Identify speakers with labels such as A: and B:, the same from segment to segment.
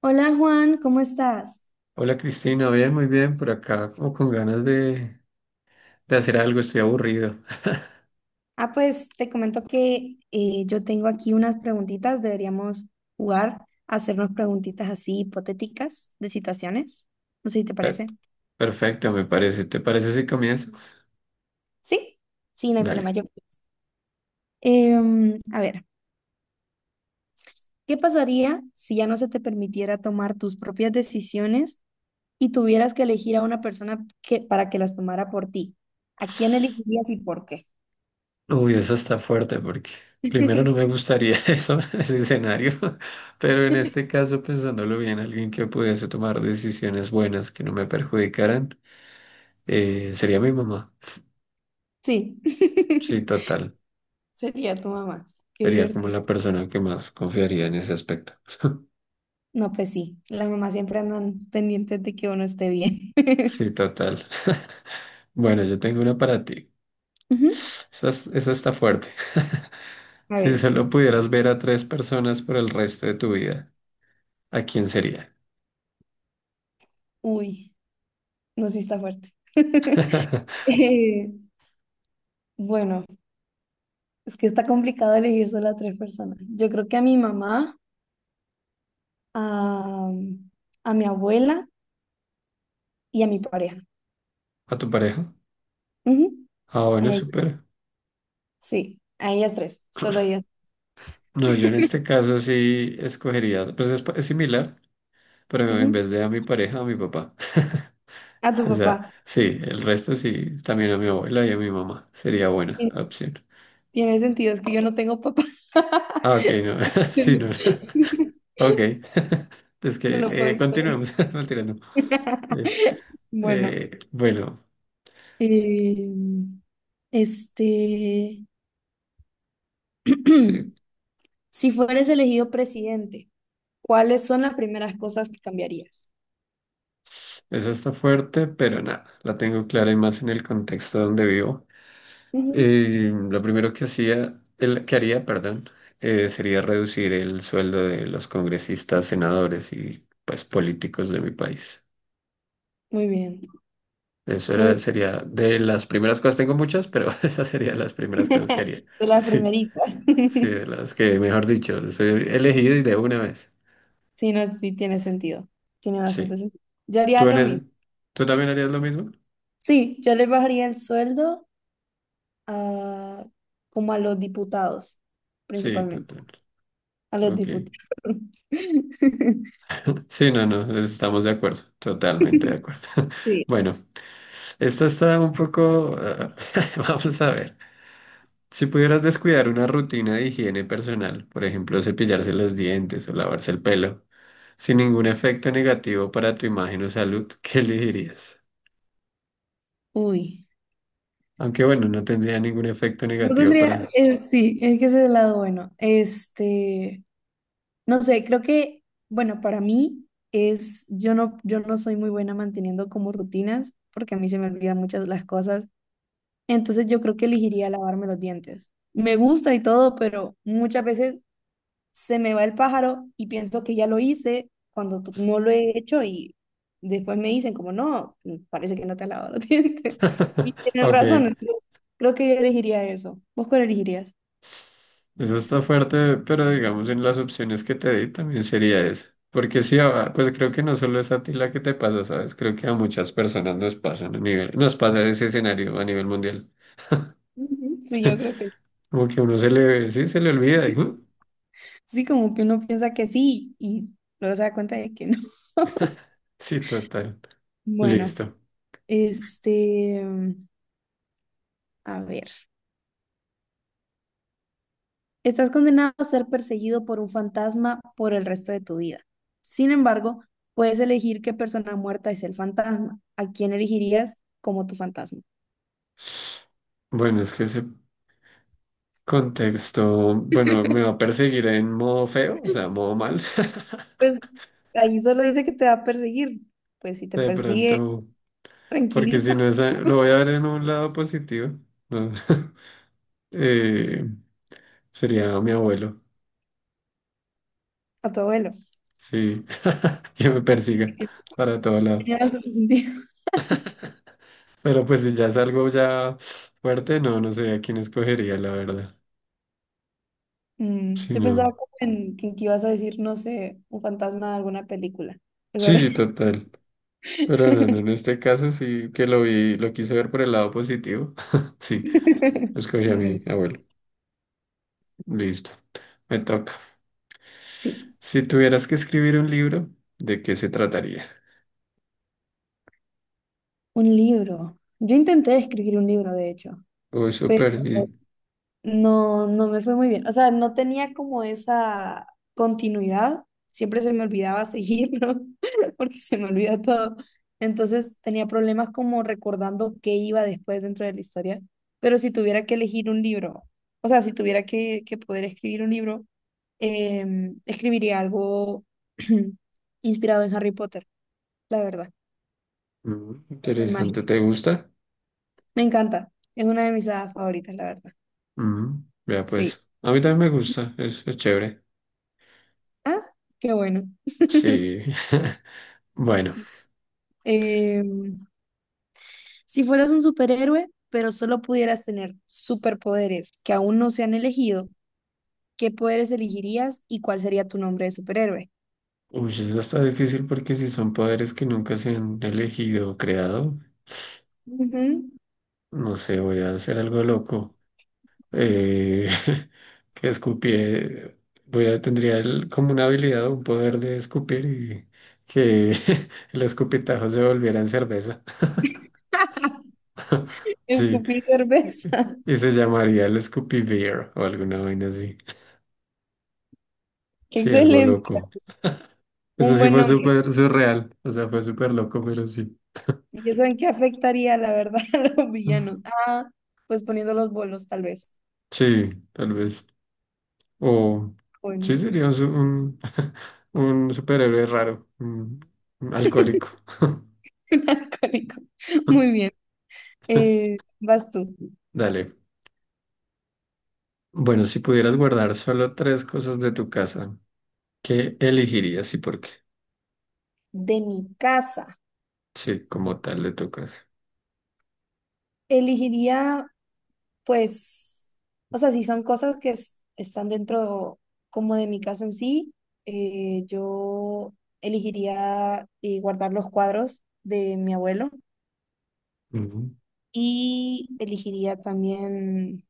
A: Hola Juan, ¿cómo estás?
B: Hola Cristina, bien, muy bien, por acá, como con ganas de hacer algo, estoy aburrido.
A: Ah, pues te comento que yo tengo aquí unas preguntitas. Deberíamos jugar a hacernos preguntitas así hipotéticas de situaciones. No sé si te
B: Per-
A: parece.
B: perfecto, me parece. ¿Te parece si comienzas?
A: ¿Sí? Sí, no hay problema.
B: Dale.
A: Yo comienzo. A ver, ¿qué pasaría si ya no se te permitiera tomar tus propias decisiones y tuvieras que elegir a una persona que, para que las tomara por ti? ¿A quién elegirías y por qué?
B: Uy, eso está fuerte porque primero no me gustaría eso, ese escenario, pero en este caso, pensándolo bien, alguien que pudiese tomar decisiones buenas que no me perjudicaran, sería mi mamá.
A: Sí,
B: Sí, total.
A: sería tu mamá. Qué
B: Sería como
A: divertido.
B: la persona que más confiaría en ese aspecto.
A: No, pues sí, las mamás siempre andan pendientes de que uno esté bien.
B: Sí, total. Bueno, yo tengo una para ti.
A: Ujú.
B: Esa, esa está fuerte.
A: A
B: Si
A: ver,
B: solo pudieras ver a tres personas por el resto de tu vida, ¿a quién sería?
A: uy, no, sí está fuerte. Eh, bueno, es que está complicado elegir solo a tres personas. Yo creo que a mi mamá, a, a mi abuela y a mi pareja.
B: ¿A tu pareja?
A: Ujú.
B: Ah,
A: A
B: bueno,
A: ella-
B: súper.
A: sí, a ellas tres, solo ellas.
B: No, yo en este caso sí escogería, pues es, es similar, pero en
A: Ujú.
B: vez de a mi pareja, a mi papá.
A: A tu
B: O
A: papá.
B: sea, sí, el resto sí, también a mi abuela y a mi mamá. Sería buena
A: Eh,
B: opción.
A: Tiene sentido, es que yo no tengo papá.
B: Ah, ok, no, sí, no. Ok, es
A: No lo
B: que
A: puedo escoger.
B: continuemos, retirando. Eh,
A: Bueno,
B: bueno,
A: Eh, este,
B: sí.
A: si fueres elegido presidente, ¿cuáles son las primeras cosas que cambiarías?
B: Eso está fuerte, pero nada, la tengo clara y más en el contexto donde vivo.
A: Ujú.
B: Lo primero que hacía, que haría, perdón, sería reducir el sueldo de los congresistas, senadores y pues políticos de mi país.
A: Muy bien, muy
B: Sería de las primeras cosas, tengo muchas, pero esas serían las
A: bien.
B: primeras cosas que haría.
A: De las
B: Sí,
A: primeritas.
B: sí, de las que, mejor dicho, soy elegido y de una vez.
A: Sí, no, sí tiene sentido. Tiene bastante
B: Sí.
A: sentido. Yo haría
B: ¿Tú, en
A: lo
B: ese-
A: mismo.
B: ¿Tú también harías lo mismo?
A: Sí, yo le bajaría el sueldo a, como a los diputados,
B: Sí,
A: principalmente.
B: total.
A: A los
B: Ok.
A: diputados.
B: Sí, no, no, estamos de acuerdo, totalmente de acuerdo.
A: Sí.
B: Bueno, esta está un poco, vamos a ver. Si pudieras descuidar una rutina de higiene personal, por ejemplo, cepillarse los dientes o lavarse el pelo, sin ningún efecto negativo para tu imagen o salud, ¿qué elegirías?
A: Uy.
B: Aunque bueno, no tendría ningún efecto
A: Yo
B: negativo
A: tendría,
B: para...
A: sí, es que ese es el lado bueno. Este, no sé, creo que, bueno, para mí es, yo no soy muy buena manteniendo como rutinas, porque a mí se me olvidan muchas las cosas. Entonces yo creo que elegiría lavarme los dientes. Me gusta y todo, pero muchas veces se me va el pájaro y pienso que ya lo hice cuando no lo he hecho y después me dicen como, no, parece que no te has lavado los dientes. Y tienen
B: Ok.
A: razón, entonces creo que yo elegiría eso. ¿Vos cuál elegirías?
B: Eso está fuerte, pero digamos en las opciones que te di también sería eso. Porque sí, pues creo que no solo es a ti la que te pasa, ¿sabes? Creo que a muchas personas nos pasan a nivel, nos pasa ese escenario a nivel mundial.
A: Ujú. Sí, yo creo que
B: Como que uno se le, sí, se le olvida. Y, "uh".
A: sí, como que uno piensa que sí y luego se da cuenta de que no.
B: Sí, total.
A: Bueno,
B: Listo.
A: este, mm, a ver, estás condenado a ser perseguido por un fantasma por el resto de tu vida. Sin embargo, puedes elegir qué persona muerta es el fantasma. ¿A quién elegirías como tu fantasma?
B: Bueno, es que ese contexto, bueno, me va a perseguir en modo feo, o sea, modo mal.
A: Pues ahí solo dice que te va a perseguir. Pues si te
B: De
A: persigue,
B: pronto, porque si
A: tranquilito,
B: no es, lo voy a ver en un lado positivo. ¿No? Eh, sería mi abuelo,
A: a tu abuelo.
B: sí, que me persiga para todo lado.
A: Tiene bastante sentido.
B: Pero pues si ya es algo ya fuerte, no, no sé a quién escogería, la verdad.
A: Mm,
B: Sí,
A: yo pensaba
B: no.
A: como en que ibas a decir, no sé, un fantasma de alguna película. Es sobre-
B: Sí, total. Pero no, no, en este caso sí que lo vi, lo quise ver por el lado positivo. Sí, escogí a
A: Mm,
B: mi abuelo. Listo, me toca.
A: sí,
B: Si tuvieras que escribir un libro, ¿de qué se trataría?
A: un libro. Yo intenté escribir un libro, de hecho,
B: Uy,
A: pero
B: súper y-
A: no, no me fue muy bien. O sea, no tenía como esa continuidad. Siempre se me olvidaba seguirlo porque se me olvida todo. Entonces tenía problemas como recordando qué iba después dentro de la historia. Pero si tuviera que elegir un libro, o sea, si tuviera que poder escribir un libro, eh, escribiría algo inspirado en Harry Potter, la verdad,
B: mm,
A: en
B: interesante.
A: magia.
B: ¿Te gusta?
A: Me encanta, es una de mis hadas favoritas, la verdad.
B: Mm, vea
A: Sí.
B: pues, a mí también me gusta, es chévere.
A: Ah, qué bueno.
B: Sí. Bueno,
A: Eh, si fueras un superhéroe, pero solo pudieras tener superpoderes que aún no se han elegido, ¿qué poderes elegirías y cuál sería tu nombre de superhéroe?
B: uy, eso está difícil porque si son poderes que nunca se han elegido o creado,
A: Ujú.
B: no sé, voy a hacer algo loco. Eh, que escupie, tendría como una habilidad o un poder de escupir y que el escupitajo se volviera en cerveza. Sí.
A: Escupir cerveza.
B: Y se llamaría el Scoopy Beer o alguna vaina así.
A: Qué
B: Sí, algo
A: excelente.
B: loco. Eso
A: Un
B: sí
A: buen
B: fue
A: nombre.
B: súper surreal, o sea, fue súper loco, pero sí.
A: ¿Y eso en qué afectaría, la verdad, a los villanos? Ah, pues poniendo los bolos, tal vez.
B: Sí, tal vez. O sí
A: Bueno,
B: sería un superhéroe raro, un alcohólico.
A: un alcohólico. Muy bien. Vas tú.
B: Dale. Bueno, si pudieras guardar solo tres cosas de tu casa, ¿qué elegirías y por qué?
A: De mi casa.
B: Sí, como tal de tu casa.
A: Elegiría, pues, o sea, si son cosas que están dentro como de mi casa en sí, yo elegiría guardar los cuadros de mi abuelo
B: Ujú.
A: y elegiría también,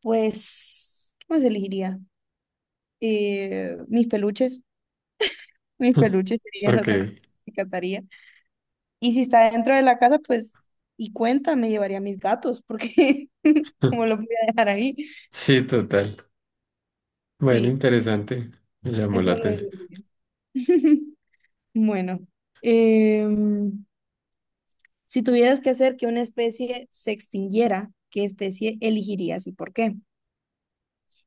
A: pues, ¿qué más elegiría? Mis peluches. Mis peluches serían
B: Ok.
A: otra cosa que rescataría. Y si está dentro de la casa, pues, y cuenta, me llevaría mis gatos, porque como lo voy a dejar ahí,
B: Sí, total. Bueno,
A: sí,
B: interesante. Me llamó la
A: eso lo es
B: atención.
A: Bueno, em, si tuvieras que hacer que una especie se extinguiera, ¿qué especie elegirías y por qué?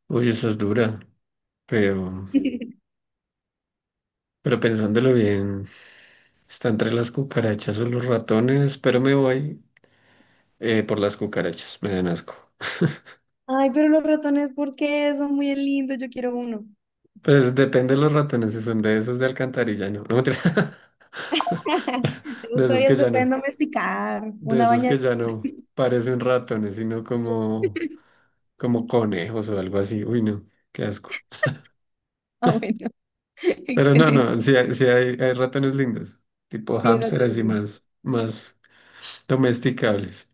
B: Uy, esa es dura, pero... Pero pensándolo bien, está entre las cucarachas o los ratones, pero me voy por las cucarachas, me dan asco.
A: Ay, pero los ratones, ¿por qué? Son muy lindos, yo quiero uno.
B: Pues depende de los ratones, si son de esos de alcantarilla, no, no mentira. De
A: Esos
B: esos
A: todavía
B: que
A: se
B: ya no,
A: pueden domesticar.
B: de
A: Una
B: esos
A: baña.
B: que ya no parecen ratones, sino como, como conejos o algo así. Uy, no, qué asco.
A: Ah, bueno,
B: Pero no,
A: excelente.
B: no, sí hay ratones lindos, tipo
A: Sí, el
B: hámster,
A: ratón es
B: así
A: lindo.
B: más, más domesticables.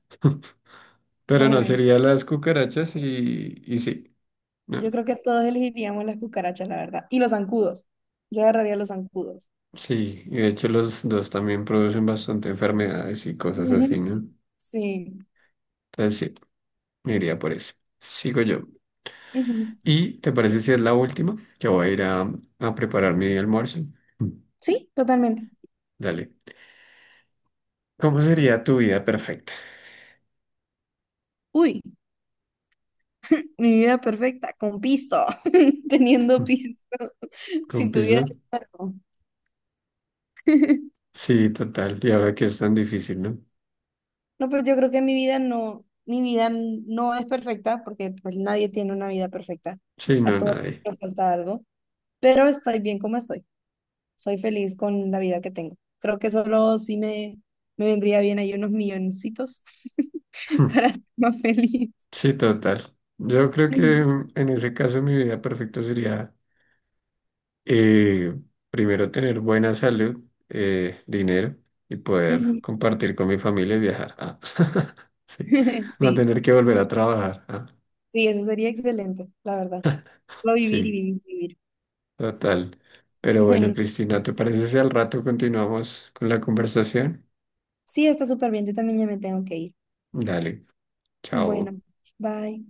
B: Pero
A: Ah,
B: no,
A: bueno.
B: sería las cucarachas y sí. No,
A: Yo creo que todos elegiríamos las cucarachas, la verdad. Y los zancudos. Yo agarraría los zancudos.
B: sí, y de hecho los dos también producen bastante enfermedades y cosas así,
A: Ujú.
B: ¿no?
A: Sí.
B: Entonces sí, me iría por eso. Sigo yo.
A: Ujú.
B: ¿Y te parece si es la última? Que voy a ir a preparar mi almuerzo. Mm.
A: Sí, totalmente.
B: Dale. ¿Cómo sería tu vida perfecta?
A: Uy, mi vida perfecta, con pisto, teniendo
B: Mm.
A: pisto.
B: ¿Con
A: Si
B: piso?
A: tuviera algo.
B: Sí, total. Y ahora que es tan difícil, ¿no?
A: No, pues yo creo que mi vida no es perfecta, porque pues nadie tiene una vida perfecta.
B: Sí,
A: A
B: no,
A: todos
B: nadie.
A: nos falta algo, pero estoy bien como estoy. Soy feliz con la vida que tengo. Creo que me vendría bien ahí unos milloncitos
B: Mm.
A: para ser más feliz.
B: Sí, total. Yo creo que
A: Ujú.
B: mm, en ese caso mi vida perfecta sería eh, primero tener buena salud, dinero y poder
A: Ujú.
B: compartir con mi familia y viajar. Ah, sí, no
A: Sí,
B: tener que volver a trabajar. Ah,
A: sí, eso sería excelente, la verdad. Solo vivir y
B: sí,
A: vivir, y vivir.
B: total. Pero bueno,
A: Bueno,
B: Cristina, ¿te parece si al rato continuamos con la conversación?
A: sí, está súper bien. Yo también ya me tengo que ir.
B: Dale, chao.
A: Bueno, bye.